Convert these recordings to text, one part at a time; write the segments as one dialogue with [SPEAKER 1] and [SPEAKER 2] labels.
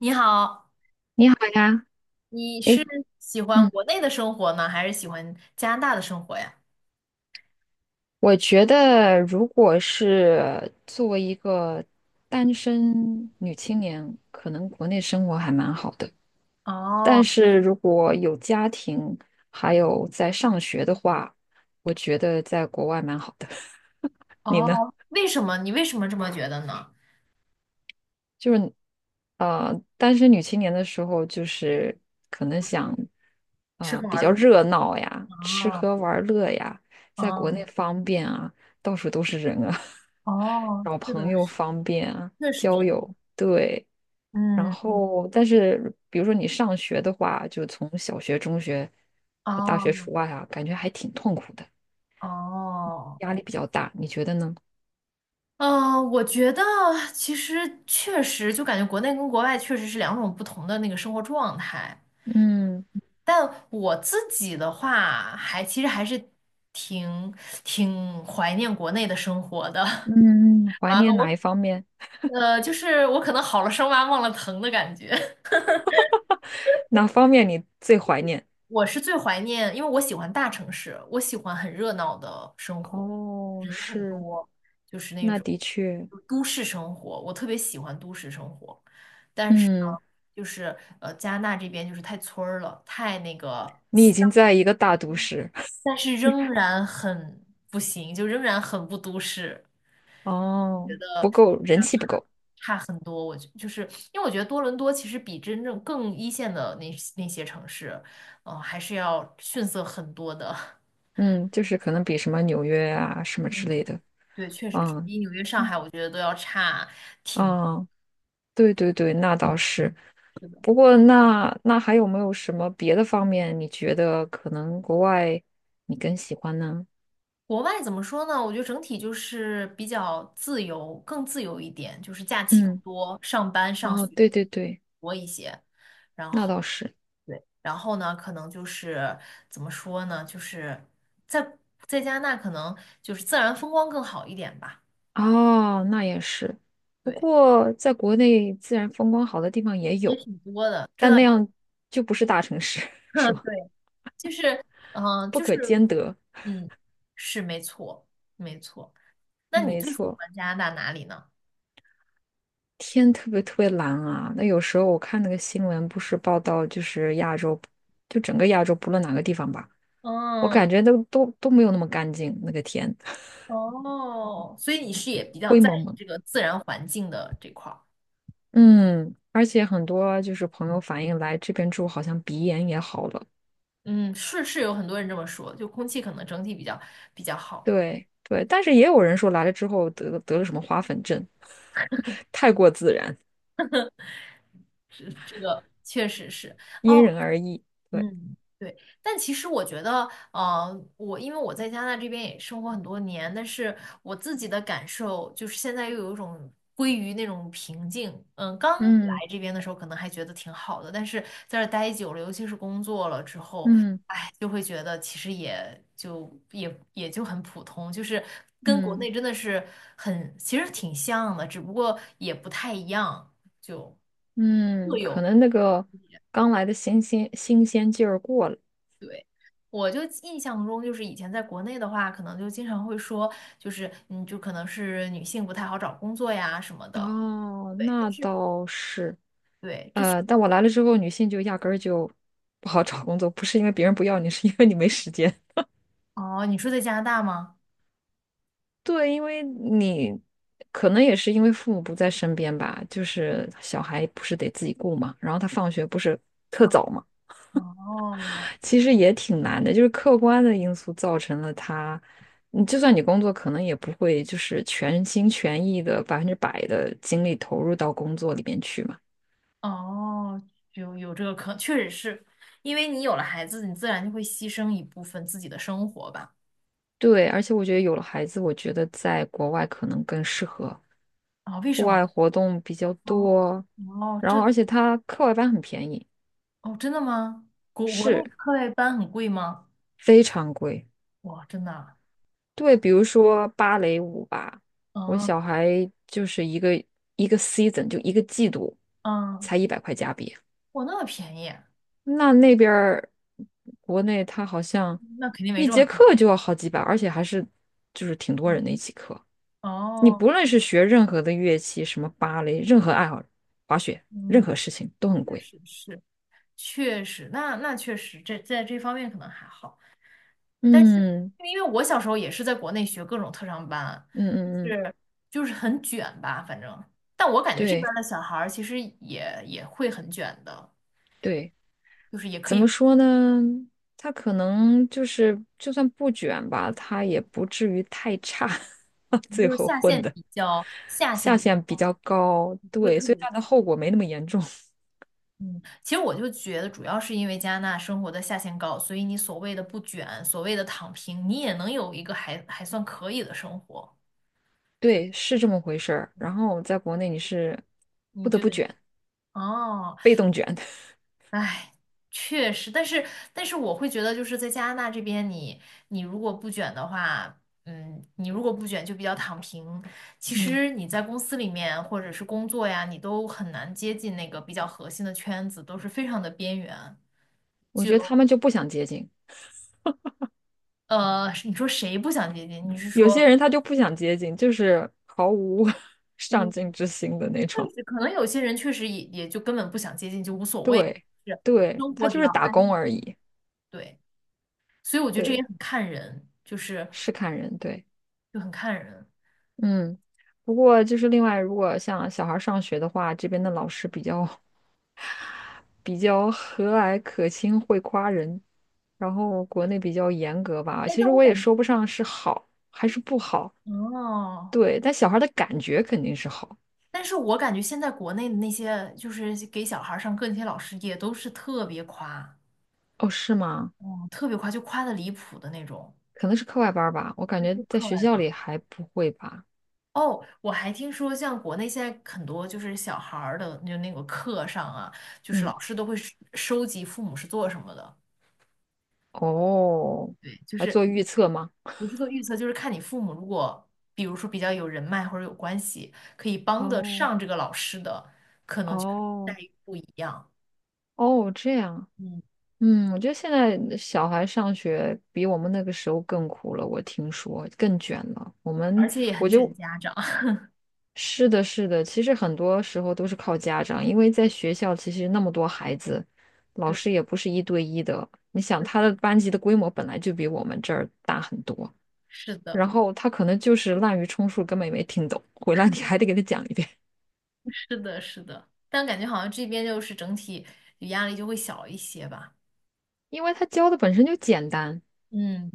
[SPEAKER 1] 你好，
[SPEAKER 2] 你好呀，
[SPEAKER 1] 你是
[SPEAKER 2] 诶，
[SPEAKER 1] 喜欢
[SPEAKER 2] 嗯，
[SPEAKER 1] 国内的生活呢，还是喜欢加拿大的生活呀？
[SPEAKER 2] 我觉得如果是作为一个单身女青年，可能国内生活还蛮好的。
[SPEAKER 1] 哦
[SPEAKER 2] 但是如果有家庭，还有在上学的话，我觉得在国外蛮好的。你呢？
[SPEAKER 1] 哦，为什么？你为什么这么觉得呢？
[SPEAKER 2] 就是单身女青年的时候，就是可能想
[SPEAKER 1] 吃喝
[SPEAKER 2] 比
[SPEAKER 1] 玩
[SPEAKER 2] 较
[SPEAKER 1] 乐。
[SPEAKER 2] 热闹呀，吃
[SPEAKER 1] 哦
[SPEAKER 2] 喝玩乐呀，在国
[SPEAKER 1] 哦
[SPEAKER 2] 内方便啊，到处都是人啊，
[SPEAKER 1] 哦，
[SPEAKER 2] 找
[SPEAKER 1] 是
[SPEAKER 2] 朋
[SPEAKER 1] 的，
[SPEAKER 2] 友
[SPEAKER 1] 是，
[SPEAKER 2] 方便啊，
[SPEAKER 1] 确实
[SPEAKER 2] 交
[SPEAKER 1] 是。
[SPEAKER 2] 友对。然
[SPEAKER 1] 嗯，
[SPEAKER 2] 后，但是比如说你上学的话，就从小学、中学、大学
[SPEAKER 1] 哦
[SPEAKER 2] 除外啊，感觉还挺痛苦的，
[SPEAKER 1] 哦，
[SPEAKER 2] 压力比较大，你觉得呢？
[SPEAKER 1] 嗯，我觉得其实确实就感觉国内跟国外确实是两种不同的那个生活状态。
[SPEAKER 2] 嗯
[SPEAKER 1] 但我自己的话，还其实还是挺挺怀念国内的生活的。
[SPEAKER 2] 嗯，怀
[SPEAKER 1] 完了，
[SPEAKER 2] 念
[SPEAKER 1] 我
[SPEAKER 2] 哪一方面？
[SPEAKER 1] 就是我可能好了伤疤忘了疼的感觉。
[SPEAKER 2] 哪方面你最怀念？
[SPEAKER 1] 我是最怀念，因为我喜欢大城市，我喜欢很热闹的生活，
[SPEAKER 2] 哦，
[SPEAKER 1] 人很
[SPEAKER 2] 是，
[SPEAKER 1] 多，就是那
[SPEAKER 2] 那
[SPEAKER 1] 种
[SPEAKER 2] 的确，
[SPEAKER 1] 都市生活，我特别喜欢都市生活。
[SPEAKER 2] 嗯，
[SPEAKER 1] 就是加拿大这边就是太村儿了，太那个，
[SPEAKER 2] 你已经在一个大都市，
[SPEAKER 1] 但是仍然很不行，就仍然很不都市。
[SPEAKER 2] 哦，人气不够，
[SPEAKER 1] 差很多。我觉就是因为我觉得多伦多其实比真正更一线的那些城市，嗯、还是要逊色很多的。
[SPEAKER 2] 嗯，就是可能比什么纽约啊什么之
[SPEAKER 1] 嗯
[SPEAKER 2] 类的，
[SPEAKER 1] 对，确实是
[SPEAKER 2] 嗯
[SPEAKER 1] 比纽约、上海，我觉得都要差挺。
[SPEAKER 2] 嗯，嗯对对对，那倒是。
[SPEAKER 1] 是的，
[SPEAKER 2] 不过那那还有没有什么别的方面，你觉得可能国外你更喜欢呢？
[SPEAKER 1] 国外怎么说呢？我觉得整体就是比较自由，更自由一点，就是假期更
[SPEAKER 2] 嗯，
[SPEAKER 1] 多，上班上
[SPEAKER 2] 哦，
[SPEAKER 1] 学
[SPEAKER 2] 对对对，
[SPEAKER 1] 多一些。然
[SPEAKER 2] 那
[SPEAKER 1] 后
[SPEAKER 2] 倒是。
[SPEAKER 1] 对，然后呢，可能就是怎么说呢？就是在在加拿大，可能就是自然风光更好一点吧。
[SPEAKER 2] 哦，那也是。不
[SPEAKER 1] 对，
[SPEAKER 2] 过，在国内自然风光好的地方也
[SPEAKER 1] 也
[SPEAKER 2] 有，
[SPEAKER 1] 挺多的，这
[SPEAKER 2] 但
[SPEAKER 1] 倒
[SPEAKER 2] 那
[SPEAKER 1] 也
[SPEAKER 2] 样就不是大城市，是 吗？
[SPEAKER 1] 对，就是，嗯、
[SPEAKER 2] 不
[SPEAKER 1] 就
[SPEAKER 2] 可
[SPEAKER 1] 是，
[SPEAKER 2] 兼得。
[SPEAKER 1] 嗯，是没错，没错。那你
[SPEAKER 2] 没
[SPEAKER 1] 最喜
[SPEAKER 2] 错，
[SPEAKER 1] 欢加拿大哪里呢？
[SPEAKER 2] 天特别特别蓝啊。那有时候我看那个新闻，不是报道就是亚洲，就整个亚洲不论哪个地方吧，我
[SPEAKER 1] 嗯，
[SPEAKER 2] 感觉都没有那么干净，那个天
[SPEAKER 1] 哦，所以你是也比较
[SPEAKER 2] 灰
[SPEAKER 1] 在
[SPEAKER 2] 蒙
[SPEAKER 1] 意
[SPEAKER 2] 蒙。
[SPEAKER 1] 这个自然环境的这块儿。
[SPEAKER 2] 嗯，而且很多就是朋友反映来这边住，好像鼻炎也好了。
[SPEAKER 1] 嗯，是是有很多人这么说，就空气可能整体比较好，
[SPEAKER 2] 对对，但是也有人说来了之后得了什么花粉症，太过自然，
[SPEAKER 1] 这这个确实是。
[SPEAKER 2] 因
[SPEAKER 1] 哦，
[SPEAKER 2] 人而异。对，
[SPEAKER 1] 嗯，对，但其实我觉得，我因为我在加拿大这边也生活很多年，但是我自己的感受就是现在又有一种归于那种平静。嗯，刚来
[SPEAKER 2] 嗯
[SPEAKER 1] 这边的时候可能还觉得挺好的，但是在这儿待久了，尤其是工作了之后，
[SPEAKER 2] 嗯
[SPEAKER 1] 哎，就会觉得其实也就也也就很普通，就是跟国
[SPEAKER 2] 嗯
[SPEAKER 1] 内真的是很，其实挺像的，只不过也不太一样，就各
[SPEAKER 2] 嗯，
[SPEAKER 1] 有。
[SPEAKER 2] 可能那个刚来的新鲜劲儿过了。
[SPEAKER 1] 对，我就印象中，就是以前在国内的话，可能就经常会说，就是嗯，就可能是女性不太好找工作呀什么的。
[SPEAKER 2] 哦，
[SPEAKER 1] 对，但
[SPEAKER 2] 那
[SPEAKER 1] 是
[SPEAKER 2] 倒是。
[SPEAKER 1] 对，这确
[SPEAKER 2] 但我来了之后，女性就压根儿就不好找工作，不是因为别人不要你，是因为你没时间。
[SPEAKER 1] 哦，你说在加拿大吗？
[SPEAKER 2] 对，因为你可能也是因为父母不在身边吧，就是小孩不是得自己顾嘛，然后他放学不是特
[SPEAKER 1] 哦
[SPEAKER 2] 早嘛，
[SPEAKER 1] 哦，
[SPEAKER 2] 其实也挺难的，就是客观的因素造成了他，你就算你工作，可能也不会就是全心全意的百分之百的精力投入到工作里面去嘛。
[SPEAKER 1] 哦有有这个可，确实是因为你有了孩子，你自然就会牺牲一部分自己的生活吧？
[SPEAKER 2] 对，而且我觉得有了孩子，我觉得在国外可能更适合，
[SPEAKER 1] 啊、为
[SPEAKER 2] 户
[SPEAKER 1] 什么？
[SPEAKER 2] 外活动比较
[SPEAKER 1] 哦
[SPEAKER 2] 多，
[SPEAKER 1] 哦，
[SPEAKER 2] 然
[SPEAKER 1] 这
[SPEAKER 2] 后而且他课外班很便宜，
[SPEAKER 1] 哦，真的吗？国国
[SPEAKER 2] 是
[SPEAKER 1] 内课外班很贵吗？
[SPEAKER 2] 非常贵。
[SPEAKER 1] 哇，真的啊？
[SPEAKER 2] 对，比如说芭蕾舞吧，我
[SPEAKER 1] 嗯
[SPEAKER 2] 小孩就是一个 season 就一个季度
[SPEAKER 1] 嗯，
[SPEAKER 2] 才100块加币，
[SPEAKER 1] 哇，那么便宜。
[SPEAKER 2] 那那边儿国内他好像
[SPEAKER 1] 那肯定没
[SPEAKER 2] 一
[SPEAKER 1] 这么
[SPEAKER 2] 节
[SPEAKER 1] 疼
[SPEAKER 2] 课就要好几百，而且还是就是挺多
[SPEAKER 1] 嗯
[SPEAKER 2] 人的一起课。你
[SPEAKER 1] 哦，
[SPEAKER 2] 不论是学任何的乐器，什么芭蕾，任何爱好，滑雪，任
[SPEAKER 1] 嗯，
[SPEAKER 2] 何事情都很
[SPEAKER 1] 确
[SPEAKER 2] 贵。
[SPEAKER 1] 实是，确实，那那确实，这在这方面可能还好。但是，
[SPEAKER 2] 嗯
[SPEAKER 1] 因为我小时候也是在国内学各种特长班，
[SPEAKER 2] 嗯
[SPEAKER 1] 就
[SPEAKER 2] 嗯嗯，
[SPEAKER 1] 是就是很卷吧，反正。但我感觉这
[SPEAKER 2] 对
[SPEAKER 1] 边的小孩儿其实也也会很卷的，
[SPEAKER 2] 对，
[SPEAKER 1] 就是也可
[SPEAKER 2] 怎
[SPEAKER 1] 以，
[SPEAKER 2] 么说呢？他可能就是，就算不卷吧，他也不至于太差，最
[SPEAKER 1] 就是
[SPEAKER 2] 后
[SPEAKER 1] 下
[SPEAKER 2] 混
[SPEAKER 1] 限
[SPEAKER 2] 的
[SPEAKER 1] 比较下限
[SPEAKER 2] 下
[SPEAKER 1] 比较
[SPEAKER 2] 限比
[SPEAKER 1] 高，
[SPEAKER 2] 较高，
[SPEAKER 1] 不会
[SPEAKER 2] 对，
[SPEAKER 1] 特
[SPEAKER 2] 所以
[SPEAKER 1] 别
[SPEAKER 2] 他的
[SPEAKER 1] 卷。
[SPEAKER 2] 后果没那么严重。
[SPEAKER 1] 嗯，其实我就觉得，主要是因为加拿大生活的下限高，所以你所谓的不卷，所谓的躺平，你也能有一个还还算可以的生活。
[SPEAKER 2] 对，是这么回事儿。然后在国内你是不
[SPEAKER 1] 你
[SPEAKER 2] 得
[SPEAKER 1] 就
[SPEAKER 2] 不
[SPEAKER 1] 得
[SPEAKER 2] 卷，
[SPEAKER 1] 哦，
[SPEAKER 2] 被动卷。
[SPEAKER 1] 哎，确实，但是我会觉得，就是在加拿大这边你，你如果不卷的话，嗯，你如果不卷就比较躺平。其
[SPEAKER 2] 嗯，
[SPEAKER 1] 实你在公司里面或者是工作呀，你都很难接近那个比较核心的圈子，都是非常的边缘。
[SPEAKER 2] 我
[SPEAKER 1] 就
[SPEAKER 2] 觉得他们就不想接近，
[SPEAKER 1] 你说谁不想接近？你是
[SPEAKER 2] 有
[SPEAKER 1] 说？
[SPEAKER 2] 些人他就不想接近，就是毫无 上
[SPEAKER 1] 嗯。
[SPEAKER 2] 进之心的那种。
[SPEAKER 1] 确实，可能有些人确实也也就根本不想接近，就无所谓，
[SPEAKER 2] 对，
[SPEAKER 1] 是
[SPEAKER 2] 对，
[SPEAKER 1] 生
[SPEAKER 2] 他
[SPEAKER 1] 活只
[SPEAKER 2] 就
[SPEAKER 1] 要
[SPEAKER 2] 是打
[SPEAKER 1] 安
[SPEAKER 2] 工
[SPEAKER 1] 逸
[SPEAKER 2] 而已。
[SPEAKER 1] 对。所以我觉得这也
[SPEAKER 2] 对，
[SPEAKER 1] 很看人，就是
[SPEAKER 2] 是看人，对。
[SPEAKER 1] 就很看人。
[SPEAKER 2] 嗯，不过就是另外，如果像小孩儿上学的话，这边的老师比较 比较和蔼可亲，会夸人，然后国内比较严格吧。
[SPEAKER 1] 哎，
[SPEAKER 2] 其
[SPEAKER 1] 但
[SPEAKER 2] 实
[SPEAKER 1] 我
[SPEAKER 2] 我也
[SPEAKER 1] 感
[SPEAKER 2] 说不上是好还是不好，
[SPEAKER 1] 哦，
[SPEAKER 2] 对，但小孩儿的感觉肯定是好。
[SPEAKER 1] 但是我感觉现在国内的那些就是给小孩儿上课那些老师也都是特别夸，
[SPEAKER 2] 哦，是吗？
[SPEAKER 1] 哦，特别夸，就夸的离谱的那种。
[SPEAKER 2] 可能是课外班儿吧，我感
[SPEAKER 1] 对，
[SPEAKER 2] 觉
[SPEAKER 1] 就
[SPEAKER 2] 在
[SPEAKER 1] 课外
[SPEAKER 2] 学校
[SPEAKER 1] 吧。
[SPEAKER 2] 里还不会吧。
[SPEAKER 1] 哦，我还听说，像国内现在很多就是小孩儿的，就那个课上啊，就是
[SPEAKER 2] 嗯，
[SPEAKER 1] 老师都会收集父母是做什么的，
[SPEAKER 2] 哦，
[SPEAKER 1] 对，就
[SPEAKER 2] 来
[SPEAKER 1] 是。
[SPEAKER 2] 做预测吗？
[SPEAKER 1] 不是做预测，就是看你父母如果，比如说比较有人脉或者有关系，可以帮得
[SPEAKER 2] 哦
[SPEAKER 1] 上这个老师的，可能就是待
[SPEAKER 2] 哦
[SPEAKER 1] 遇不一样。
[SPEAKER 2] 哦，这样啊
[SPEAKER 1] 嗯，
[SPEAKER 2] 嗯，我觉得现在小孩上学比我们那个时候更苦了，我听说更卷了。
[SPEAKER 1] 而且也
[SPEAKER 2] 我
[SPEAKER 1] 很卷
[SPEAKER 2] 就
[SPEAKER 1] 家长。
[SPEAKER 2] 是的，是的，其实很多时候都是靠家长，因为在学校其实那么多孩子，老
[SPEAKER 1] 对，
[SPEAKER 2] 师也不是一对一的。你想
[SPEAKER 1] 是
[SPEAKER 2] 他的班级的规模本来就比我们这儿大很多，
[SPEAKER 1] 是的，
[SPEAKER 2] 然后他可能就是滥竽充数，根本也没听懂，回来你还得给他讲一遍，
[SPEAKER 1] 是的，是的。但感觉好像这边就是整体压力就会小一些吧。
[SPEAKER 2] 因为他教的本身就简单，
[SPEAKER 1] 嗯，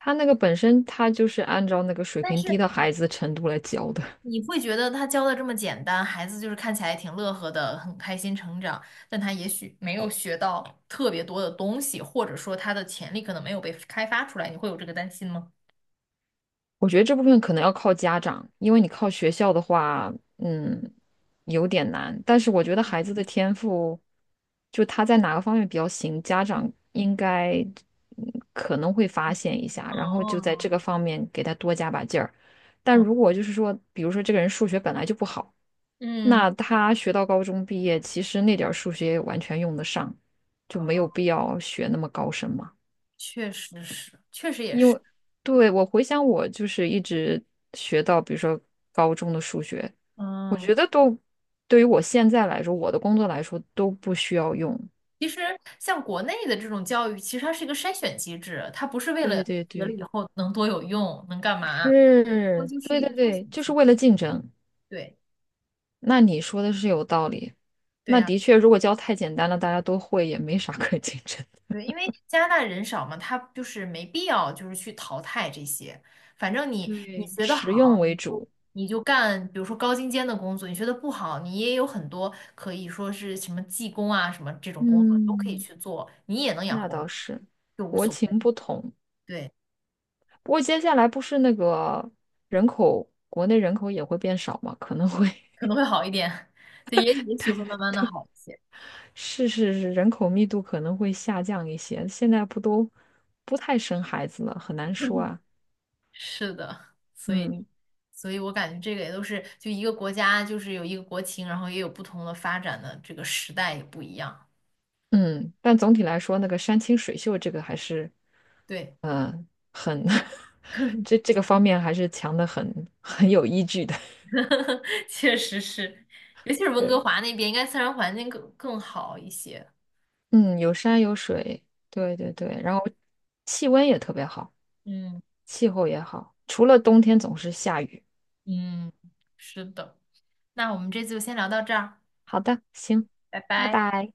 [SPEAKER 2] 他那个本身他就是按照那个水
[SPEAKER 1] 但
[SPEAKER 2] 平
[SPEAKER 1] 是
[SPEAKER 2] 低的孩子的程度来教的。
[SPEAKER 1] 你会觉得他教的这么简单，孩子就是看起来挺乐呵的，很开心成长，但他也许没有学到特别多的东西，或者说他的潜力可能没有被开发出来，你会有这个担心吗？
[SPEAKER 2] 我觉得这部分可能要靠家长，因为你靠学校的话，嗯，有点难。但是我觉得
[SPEAKER 1] 嗯
[SPEAKER 2] 孩子的天赋，就他在哪个方面比较行，家长应该可能会发现一下，然后就在
[SPEAKER 1] 哦，
[SPEAKER 2] 这个方面给他多加把劲儿。但
[SPEAKER 1] 哦，
[SPEAKER 2] 如果就是说，比如说这个人数学本来就不好，
[SPEAKER 1] 嗯，
[SPEAKER 2] 那他学到高中毕业，其实那点儿数学也完全用得上，就没有
[SPEAKER 1] 哦，
[SPEAKER 2] 必要学那么高深嘛。
[SPEAKER 1] 确实是，确实也是，
[SPEAKER 2] 对，我回想我就是一直学到，比如说高中的数学，我
[SPEAKER 1] 嗯，
[SPEAKER 2] 觉得都对于我现在来说，我的工作来说都不需要用。
[SPEAKER 1] 其实像国内的这种教育，其实它是一个筛选机制，它不是为了
[SPEAKER 2] 对对
[SPEAKER 1] 学了
[SPEAKER 2] 对，
[SPEAKER 1] 以后能多有用，能干嘛，它
[SPEAKER 2] 是，
[SPEAKER 1] 就是
[SPEAKER 2] 对
[SPEAKER 1] 一
[SPEAKER 2] 对
[SPEAKER 1] 个筛
[SPEAKER 2] 对，
[SPEAKER 1] 选
[SPEAKER 2] 就
[SPEAKER 1] 机
[SPEAKER 2] 是
[SPEAKER 1] 制。
[SPEAKER 2] 为了竞争。
[SPEAKER 1] 对，
[SPEAKER 2] 那你说的是有道理。
[SPEAKER 1] 对
[SPEAKER 2] 那
[SPEAKER 1] 呀。
[SPEAKER 2] 的确，如果教太简单了，大家都会，也没啥 可竞争。
[SPEAKER 1] 对，因为加拿大人少嘛，他就是没必要就是去淘汰这些，反正你你
[SPEAKER 2] 对，
[SPEAKER 1] 学得
[SPEAKER 2] 实用
[SPEAKER 1] 好，
[SPEAKER 2] 为
[SPEAKER 1] 你就
[SPEAKER 2] 主。
[SPEAKER 1] 你就干，比如说高精尖的工作，你学得不好，你也有很多可以说是什么技工啊什么这种工作都可以
[SPEAKER 2] 嗯，
[SPEAKER 1] 去做，你也能养
[SPEAKER 2] 那
[SPEAKER 1] 活，
[SPEAKER 2] 倒是，
[SPEAKER 1] 就无
[SPEAKER 2] 国
[SPEAKER 1] 所谓。
[SPEAKER 2] 情不同。
[SPEAKER 1] 对，
[SPEAKER 2] 不过接下来不是那个人口，国内人口也会变少嘛，可能会
[SPEAKER 1] 可能会好一点，对，也也许会慢慢的好一些。
[SPEAKER 2] 是是是，人口密度可能会下降一些。现在不都不太生孩子了，很难说啊。
[SPEAKER 1] 是的，所以
[SPEAKER 2] 嗯
[SPEAKER 1] 所以我感觉这个也都是就一个国家就是有一个国情，然后也有不同的发展的这个时代也不一样。
[SPEAKER 2] 嗯，但总体来说，那个山清水秀这个还是
[SPEAKER 1] 对。
[SPEAKER 2] 嗯呃很 这这个方面还是强的很，很有依据的。
[SPEAKER 1] 确实是，尤 其是温
[SPEAKER 2] 对，
[SPEAKER 1] 哥华那边，应该自然环境更好一些。
[SPEAKER 2] 嗯，有山有水，对对对，然后气温也特别好，
[SPEAKER 1] 嗯
[SPEAKER 2] 气候也好，除了冬天总是下雨。
[SPEAKER 1] 嗯，是的。那我们这次就先聊到这儿，
[SPEAKER 2] 好的，行。
[SPEAKER 1] 拜
[SPEAKER 2] 拜
[SPEAKER 1] 拜。
[SPEAKER 2] 拜。